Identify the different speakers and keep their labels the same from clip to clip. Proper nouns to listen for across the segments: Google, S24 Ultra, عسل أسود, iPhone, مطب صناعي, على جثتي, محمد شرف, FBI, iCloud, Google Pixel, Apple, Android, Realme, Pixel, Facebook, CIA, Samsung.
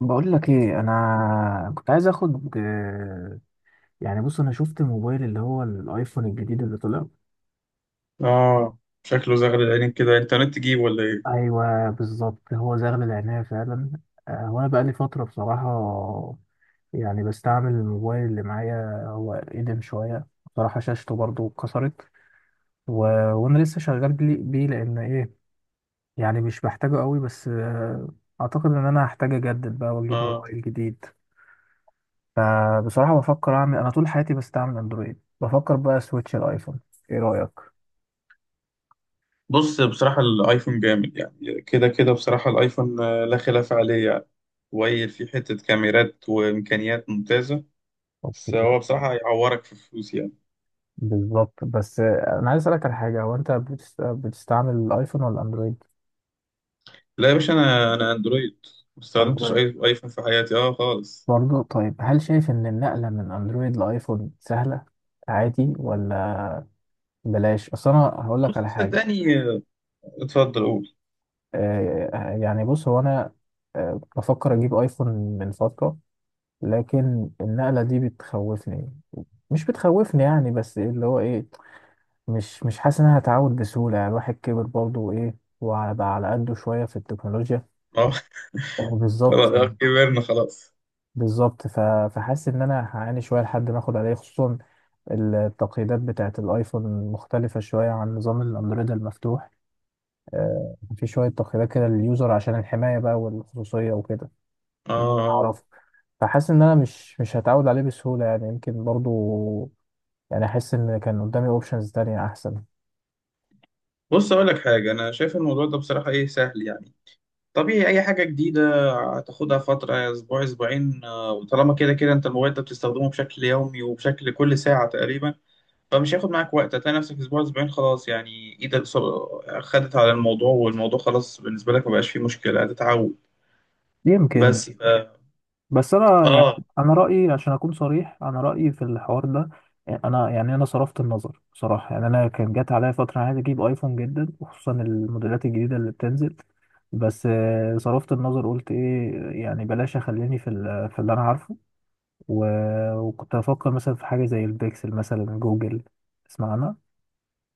Speaker 1: بقول لك ايه، انا كنت عايز اخد يعني بص، انا شفت الموبايل اللي هو الايفون الجديد اللي طلع.
Speaker 2: اه. شكله زغل العينين كده، انترنت تجيب ولا ايه؟
Speaker 1: ايوه بالظبط، هو زغل العناية فعلا. وانا بقالي فترة بصراحة، يعني بستعمل الموبايل اللي معايا، هو قديم شوية بصراحة، شاشته برضو اتكسرت و... وانا لسه شغال بيه، لان ايه؟ يعني مش بحتاجه قوي، بس اعتقد ان انا هحتاج اجدد بقى واجيب
Speaker 2: اه،
Speaker 1: موبايل جديد. فبصراحة بفكر أعمل، أنا طول حياتي بستعمل أندرويد، بفكر بقى سويتش الأيفون. إيه رأيك؟
Speaker 2: بص بصراحة الايفون جامد، يعني كده كده بصراحة الايفون لا خلاف عليه يعني. ويل فيه حتة كاميرات وامكانيات ممتازة. بس
Speaker 1: اوكي.
Speaker 2: هو بصراحة هيعورك في فلوس يعني.
Speaker 1: بالظبط، بس أنا عايز أسألك على حاجة، هو أنت بتستعمل الأيفون ولا أندرويد؟
Speaker 2: لا يا باشا، انا اندرويد، ما استخدمتش
Speaker 1: أندرويد.
Speaker 2: اي ايفون في حياتي اه خالص.
Speaker 1: برضه طيب، هل شايف إن النقلة من أندرويد لأيفون سهلة عادي، ولا بلاش؟ أصل أنا هقول لك
Speaker 2: بص
Speaker 1: على حاجة.
Speaker 2: صدقني اتفضل قول.
Speaker 1: يعني بص، هو أنا بفكر أجيب أيفون من فترة، لكن النقلة دي بتخوفني. مش بتخوفني يعني، بس اللي هو إيه، مش حاسس إن أنا هتعود بسهولة، يعني الواحد كبر برضه وإيه، وعلى بقى على قده شوية في التكنولوجيا.
Speaker 2: اه.
Speaker 1: بالظبط
Speaker 2: خلاص
Speaker 1: يعني.
Speaker 2: كبرنا خلاص.
Speaker 1: بالظبط فحاسس إن أنا هعاني شوية لحد ما آخد عليه، خصوصا التقييدات بتاعة الأيفون مختلفة شوية عن نظام الأندرويد المفتوح. في شوية تقييدات كده لليوزر عشان الحماية بقى والخصوصية وكده،
Speaker 2: اه.
Speaker 1: إن هو
Speaker 2: آه.
Speaker 1: يعرفه. فحاسس إن أنا مش هتعود عليه بسهولة، يعني يمكن برضه، يعني أحس إن كان قدامي أوبشنز تانية أحسن.
Speaker 2: بص اقول لك حاجة، انا شايف الموضوع ده بصراحة ايه، سهل يعني. طبيعي اي حاجه جديده هتاخدها فتره، اسبوع اسبوعين وطالما كده كده انت الموبايل ده بتستخدمه بشكل يومي وبشكل كل ساعه تقريبا، فمش هياخد معاك وقت. هتلاقي نفسك اسبوع اسبوعين خلاص، يعني ايدك خدت على الموضوع والموضوع خلاص بالنسبه لك، مبقاش فيه مشكله، هتتعود.
Speaker 1: يمكن.
Speaker 2: بس ف...
Speaker 1: بس انا يعني،
Speaker 2: اه.
Speaker 1: انا رايي عشان اكون صريح، انا رايي في الحوار ده، يعني انا، يعني انا صرفت النظر بصراحه، يعني انا كان جات عليا فتره أنا عايز اجيب ايفون جدا، وخصوصا الموديلات الجديده اللي بتنزل. بس صرفت النظر، قلت ايه، يعني بلاش اخليني في اللي انا عارفه. وكنت افكر مثلا في حاجه زي البيكسل، مثلا جوجل، تسمع عنها؟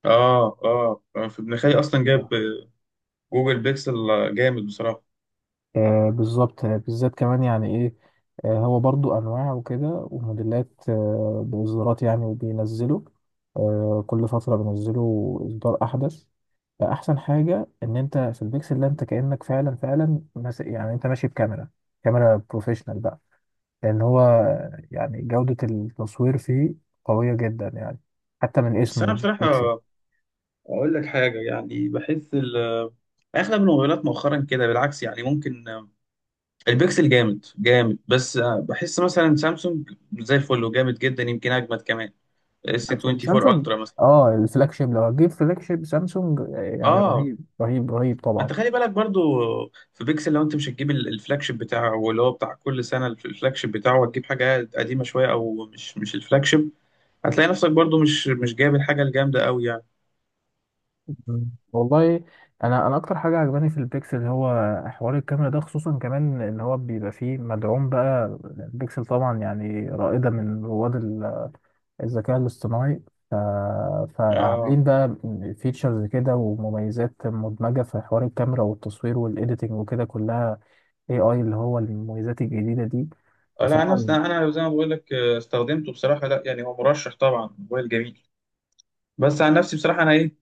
Speaker 2: اه. اه. في ابن خالي اصلا جاب جوجل بيكسل، جامد بصراحه.
Speaker 1: آه بالظبط، بالذات كمان يعني ايه، آه هو برضو انواع وكده وموديلات، آه باصدارات يعني وبينزلوا، آه كل فتره بينزلوا اصدار احدث. فاحسن حاجه ان انت في البيكسل ده، انت كانك فعلا فعلا يعني انت ماشي بكاميرا، كاميرا بروفيشنال بقى، لان هو يعني جوده التصوير فيه قويه جدا يعني، حتى من
Speaker 2: بس انا
Speaker 1: اسمه
Speaker 2: بصراحه
Speaker 1: بيكسل.
Speaker 2: اقول لك حاجه، يعني بحس اغلب الموبايلات مؤخرا كده بالعكس، يعني ممكن البيكسل جامد جامد، بس بحس مثلا سامسونج زي الفل وجامد جدا، يمكن اجمد كمان، اس
Speaker 1: بس
Speaker 2: 24
Speaker 1: سامسونج،
Speaker 2: الترا مثلا.
Speaker 1: اه الفلاج شيب، لو هتجيب فلاج شيب سامسونج يعني
Speaker 2: اه،
Speaker 1: رهيب رهيب رهيب
Speaker 2: ما
Speaker 1: طبعا.
Speaker 2: انت خلي بالك برضو، في بيكسل لو انت مش هتجيب الفلاج شيب بتاعه، واللي هو بتاع كل سنه الفلاج شيب بتاعه، هتجيب حاجه قديمه شويه او مش الفلاج شيب، هتلاقي نفسك برضو مش جايب الحاجه الجامده قوي يعني.
Speaker 1: مم. والله انا اكتر حاجه عجباني في البيكسل هو حوار الكاميرا ده، خصوصا كمان ان هو بيبقى فيه مدعوم بقى. البيكسل طبعا يعني رائده من رواد الذكاء الاصطناعي. ف...
Speaker 2: اه.
Speaker 1: فعاملين بقى فيتشرز كده ومميزات مدمجه في حوار الكاميرا والتصوير والايديتنج وكده كلها، اي اي اللي هو المميزات الجديده دي.
Speaker 2: لا
Speaker 1: بصراحه.
Speaker 2: انا زي ما بقول لك استخدمته بصراحه، لا يعني هو مرشح طبعا، موبايل جميل. بس عن نفسي بصراحة أنا إيه،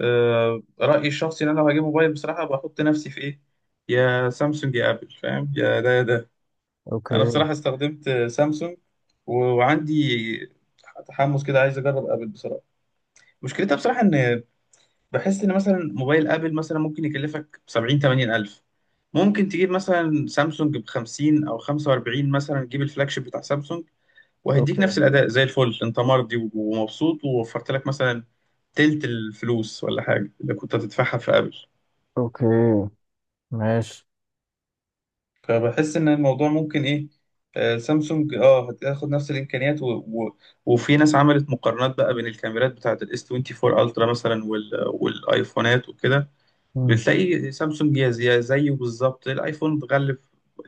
Speaker 2: رأيي الشخصي إن أنا لو هجيب موبايل بصراحة بحط نفسي في إيه، يا سامسونج يا آبل، فاهم، يا ده يا ده. أنا
Speaker 1: اوكي
Speaker 2: بصراحة استخدمت سامسونج وعندي تحمس كده، عايز أجرب آبل بصراحة. مشكلتها بصراحة إن، بحس إن مثلا موبايل آبل مثلا ممكن يكلفك سبعين تمانين ألف، ممكن تجيب مثلا سامسونج بخمسين أو خمسة وأربعين مثلا، تجيب الفلاج شيب بتاع سامسونج وهيديك
Speaker 1: اوكي
Speaker 2: نفس الاداء زي الفل، انت مرضي ومبسوط، ووفرت لك مثلا تلت الفلوس ولا حاجه اللي كنت هتدفعها في ابل.
Speaker 1: اوكي، ماشي.
Speaker 2: فبحس ان الموضوع ممكن ايه، سامسونج اه هتاخد نفس الامكانيات وفي ناس عملت مقارنات بقى بين الكاميرات بتاعه الاس 24 الترا مثلا والايفونات وكده، بتلاقي سامسونج يا زيه بالظبط، الايفون اتغلب،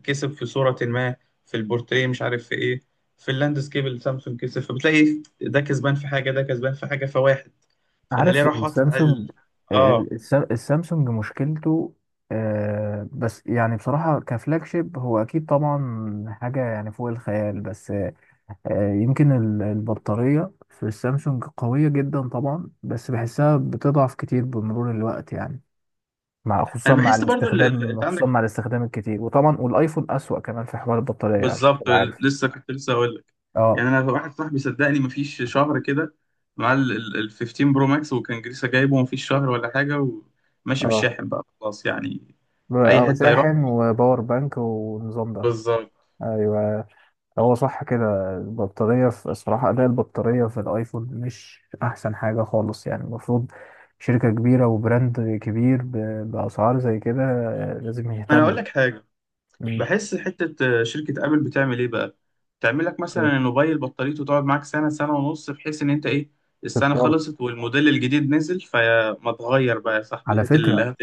Speaker 2: كسب في صوره ما، في البورتريه، مش عارف في ايه، في اللاندسكيب اللي سامسونج كسب، فبتلاقي إيه، ده كسبان في حاجه، ده كسبان في حاجه، فواحد، فانا ليه
Speaker 1: عارف
Speaker 2: اروح ادفع
Speaker 1: السامسونج،
Speaker 2: اه.
Speaker 1: السامسونج مشكلته بس يعني بصراحة كفلاج شيب هو أكيد طبعا حاجة يعني فوق الخيال، بس يمكن البطارية في السامسونج قوية جدا طبعا، بس بحسها بتضعف كتير بمرور الوقت يعني، خصوصا
Speaker 2: انا
Speaker 1: مع
Speaker 2: بحس برضو
Speaker 1: الاستخدام،
Speaker 2: انت
Speaker 1: خصوصا
Speaker 2: عندك
Speaker 1: مع الاستخدام الكتير، وطبعا والآيفون أسوأ كمان في حوار البطارية عشان
Speaker 2: بالظبط،
Speaker 1: تبقى عارف.
Speaker 2: لسه كنت لسه اقول لك،
Speaker 1: اه
Speaker 2: يعني انا واحد صاحبي صدقني مفيش شهر كده مع ال 15 برو ماكس، وكان لسه جايبه مفيش شهر ولا حاجه، وماشي
Speaker 1: اه
Speaker 2: بالشاحن بقى خلاص يعني، اي
Speaker 1: اه،
Speaker 2: حته يروح.
Speaker 1: شاحن وباور بانك والنظام ده.
Speaker 2: بالظبط.
Speaker 1: ايوه، هو صح كده، البطارية في الصراحة، أداء البطارية في الأيفون مش أحسن حاجة خالص يعني. المفروض شركة كبيرة وبراند كبير بأسعار زي كده، لازم
Speaker 2: انا اقول
Speaker 1: يهتم.
Speaker 2: لك حاجه،
Speaker 1: مم.
Speaker 2: بحس حته شركه ابل بتعمل ايه بقى، تعمل لك مثلا الموبايل بطاريته تقعد معاك سنه سنه ونص، بحيث ان انت ايه، السنه
Speaker 1: تتطور.
Speaker 2: خلصت والموديل الجديد نزل، فما تغير بقى يا صاحبي،
Speaker 1: على فكرة،
Speaker 2: هات.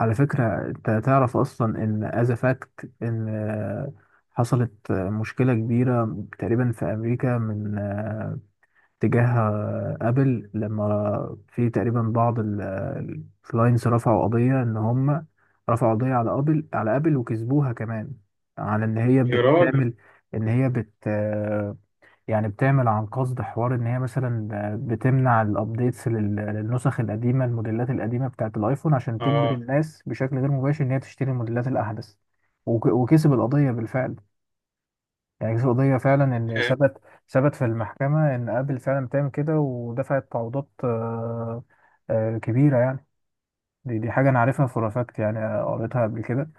Speaker 1: على فكرة أنت تعرف أصلا إن از فاكت، إن حصلت مشكلة كبيرة تقريبا في أمريكا، من تجاه ابل، لما في تقريبا بعض الكلاينتس رفعوا قضية ان هم رفعوا قضية على ابل، وكسبوها كمان، على ان هي
Speaker 2: يا راجل.
Speaker 1: بتعمل، ان هي بت آه، يعني بتعمل عن قصد حوار، ان هي مثلا بتمنع الابديتس للنسخ القديمة، الموديلات القديمة بتاعت الايفون، عشان تجبر
Speaker 2: اه.
Speaker 1: الناس بشكل غير مباشر ان هي تشتري الموديلات الاحدث. وكسب القضية بالفعل، يعني في قضية فعلا إن
Speaker 2: إيه؟
Speaker 1: ثبت في المحكمة إن آبل فعلا بتعمل كده، ودفعت تعويضات كبيرة يعني. دي حاجة أنا عارفها فور فاكت يعني، قريتها قبل كده.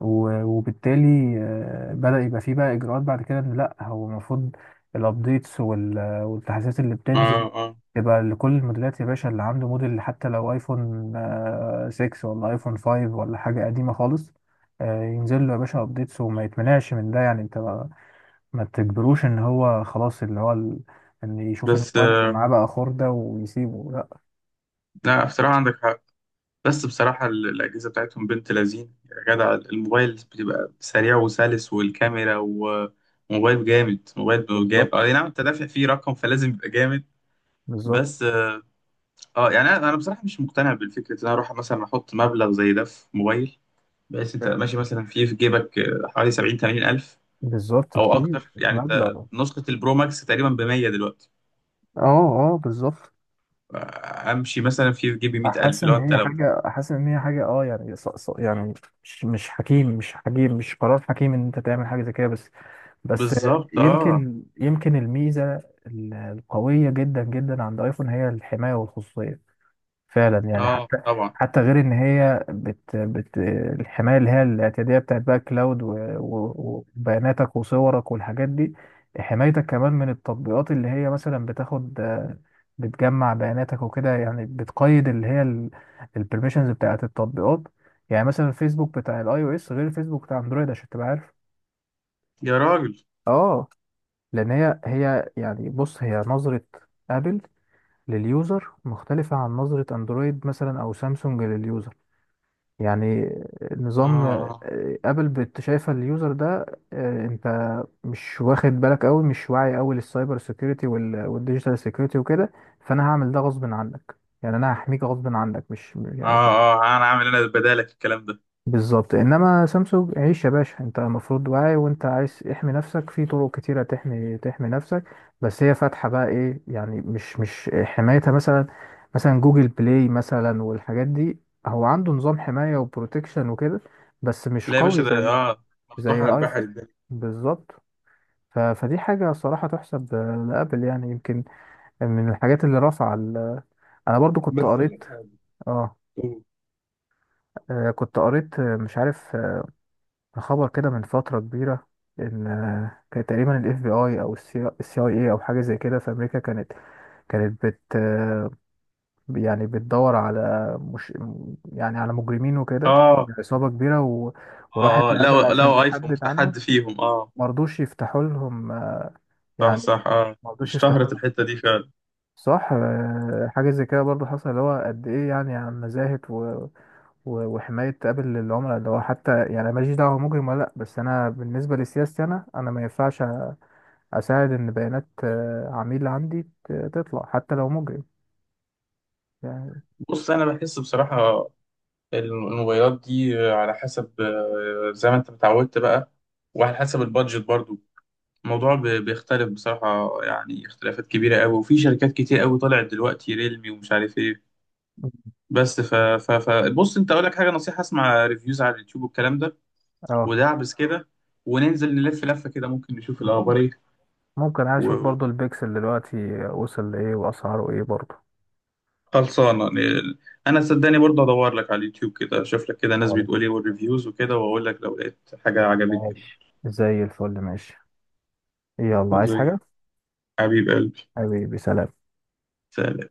Speaker 1: وبالتالي بدأ يبقى فيه بقى إجراءات بعد كده، إن لأ، هو المفروض الأبديتس والتحديثات اللي بتنزل
Speaker 2: اه. اه.
Speaker 1: تبقى لكل الموديلات يا باشا، اللي عنده موديل حتى لو ايفون 6 ولا ايفون 5 ولا حاجة قديمة خالص، ينزل له يا باشا ابديتس، وما يتمنعش من ده. يعني انت ما تجبروش ان هو خلاص اللي هو ان يشوف إن
Speaker 2: بس
Speaker 1: المواد اللي معاه بقى خردة ويسيبه، لا.
Speaker 2: لا بصراحة عندك حق، بس بصراحة الأجهزة بتاعتهم بنت لذين يا جدع، الموبايل بتبقى سريع وسلس، والكاميرا، وموبايل جامد موبايل جامد،
Speaker 1: بالظبط.
Speaker 2: اه نعم، انت دافع فيه رقم فلازم يبقى جامد.
Speaker 1: بالظبط
Speaker 2: بس اه، يعني انا، أنا بصراحة مش مقتنع بالفكرة ان انا اروح مثلا احط مبلغ زي ده في موبايل، بس انت
Speaker 1: ف-
Speaker 2: ماشي مثلا فيه في جيبك حوالي 70 80 الف
Speaker 1: بالظبط،
Speaker 2: او اكتر،
Speaker 1: كتير
Speaker 2: يعني انت
Speaker 1: مبلغ.
Speaker 2: نسخة البرو ماكس تقريبا ب 100 دلوقتي،
Speaker 1: اه اه. بالظبط،
Speaker 2: امشي مثلا في جيبي 100,000، اللي هو انت لو.
Speaker 1: حاسس ان هي حاجة اه يعني يعني مش قرار حكيم ان انت تعمل حاجة زي كده، بس.
Speaker 2: بالظبط. اه.
Speaker 1: يمكن الميزة القوية جدا جدا عند ايفون هي الحماية والخصوصية، فعلا يعني.
Speaker 2: اه طبعا.
Speaker 1: حتى غير ان هي بت الحمايه اللي هي الاعتياديه بتاعت بقى كلاود، وبياناتك وصورك والحاجات دي، حمايتك كمان من التطبيقات اللي هي مثلا بتاخد، بتجمع بياناتك وكده، يعني بتقيد اللي هي البرميشنز بتاعت التطبيقات. يعني مثلا الفيسبوك بتاع الاي او اس غير الفيسبوك بتاع اندرويد عشان تبقى عارف.
Speaker 2: يا راجل.
Speaker 1: اه، لان هي يعني، بص هي نظره ابل لليوزر مختلفة عن نظرة اندرويد مثلا او سامسونج لليوزر. يعني
Speaker 2: اه.
Speaker 1: نظام
Speaker 2: اه.
Speaker 1: ابل شايفه اليوزر ده، انت مش واخد بالك قوي، مش واعي قوي للسايبر سيكيورتي والديجيتال سيكيورتي وكده. فانا هعمل ده غصب عنك، يعني انا هحميك غصب عنك، مش يعني.
Speaker 2: اه. اه انا عامل، انا بدالك الكلام ده.
Speaker 1: بالظبط، انما سامسونج عيش يا باشا، انت المفروض واعي، وانت عايز احمي نفسك في طرق كتيره، تحمي نفسك. بس هي فاتحه بقى ايه يعني، مش حمايتها، مثلا جوجل بلاي مثلا والحاجات دي، هو عنده نظام حمايه وبروتكشن وكده بس مش
Speaker 2: لا يا
Speaker 1: قوي
Speaker 2: باشا ده
Speaker 1: زي
Speaker 2: اه مفتوح
Speaker 1: زي
Speaker 2: على
Speaker 1: ايفون.
Speaker 2: البحر الدنيا.
Speaker 1: بالظبط. فدي حاجه صراحه تحسب لابل، يعني يمكن من الحاجات اللي رفع انا برضو كنت
Speaker 2: بس اقول لك
Speaker 1: قريت.
Speaker 2: حاجة.
Speaker 1: اه. كنت قريت مش عارف، خبر كده من فترة كبيرة، إن كان تقريبا ال FBI أو ال CIA أو حاجة زي كده في أمريكا، كانت بت آه، يعني بتدور على، مش يعني، على مجرمين وكده،
Speaker 2: اه. اه.
Speaker 1: عصابة كبيرة، وراحت
Speaker 2: لو
Speaker 1: لأبل عشان
Speaker 2: لو ايفون
Speaker 1: تحدد
Speaker 2: بتاع
Speaker 1: عنهم.
Speaker 2: حد فيهم اه.
Speaker 1: مرضوش يفتحوا لهم،
Speaker 2: صح صح
Speaker 1: يعني
Speaker 2: اه،
Speaker 1: مرضوش يفتحوا
Speaker 2: اشتهرت
Speaker 1: لهم.
Speaker 2: الحتة دي فعلا.
Speaker 1: صح، حاجة زي كده برضو، حصل اللي هو قد إيه يعني عن نزاهة وحماية قبل العملاء، اللي هو حتى يعني ماليش دعوة مجرم ولا لأ، بس أنا بالنسبة لسياستي، أنا ما ينفعش اساعد ان بيانات عميل عندي تطلع حتى لو مجرم يعني.
Speaker 2: بص انا بحس بصراحة الموبايلات دي على حسب زي ما انت متعودت بقى، وعلى حسب البادجت برضو، الموضوع بيختلف بصراحة، يعني اختلافات كبيرة قوي، وفي شركات كتير قوي طلعت دلوقتي، ريلمي ومش عارف ايه. بس ف بص، انت اقول لك حاجة، نصيحة، اسمع ريفيوز على اليوتيوب والكلام ده
Speaker 1: اه.
Speaker 2: ودعبس كده، وننزل نلف لفة كده، ممكن نشوف الأخبار
Speaker 1: ممكن
Speaker 2: ايه.
Speaker 1: ممكن أنا اشوف برضو البيكسل دلوقتي وصل لايه، واسعاره ايه برضو.
Speaker 2: وخلصانة أنا صدقني برضه أدور لك على اليوتيوب كده، أشوف لك كده ناس
Speaker 1: خلاص.
Speaker 2: بتقول ايه والريفيوز وكده، وأقول لك لو لقيت حاجة عجبتني.
Speaker 1: ماشي زي الفل، ماشي. يلا،
Speaker 2: برضه.
Speaker 1: عايز
Speaker 2: زي.
Speaker 1: حاجة؟
Speaker 2: حبيب قلبي،
Speaker 1: حبيبي، سلام.
Speaker 2: سلام.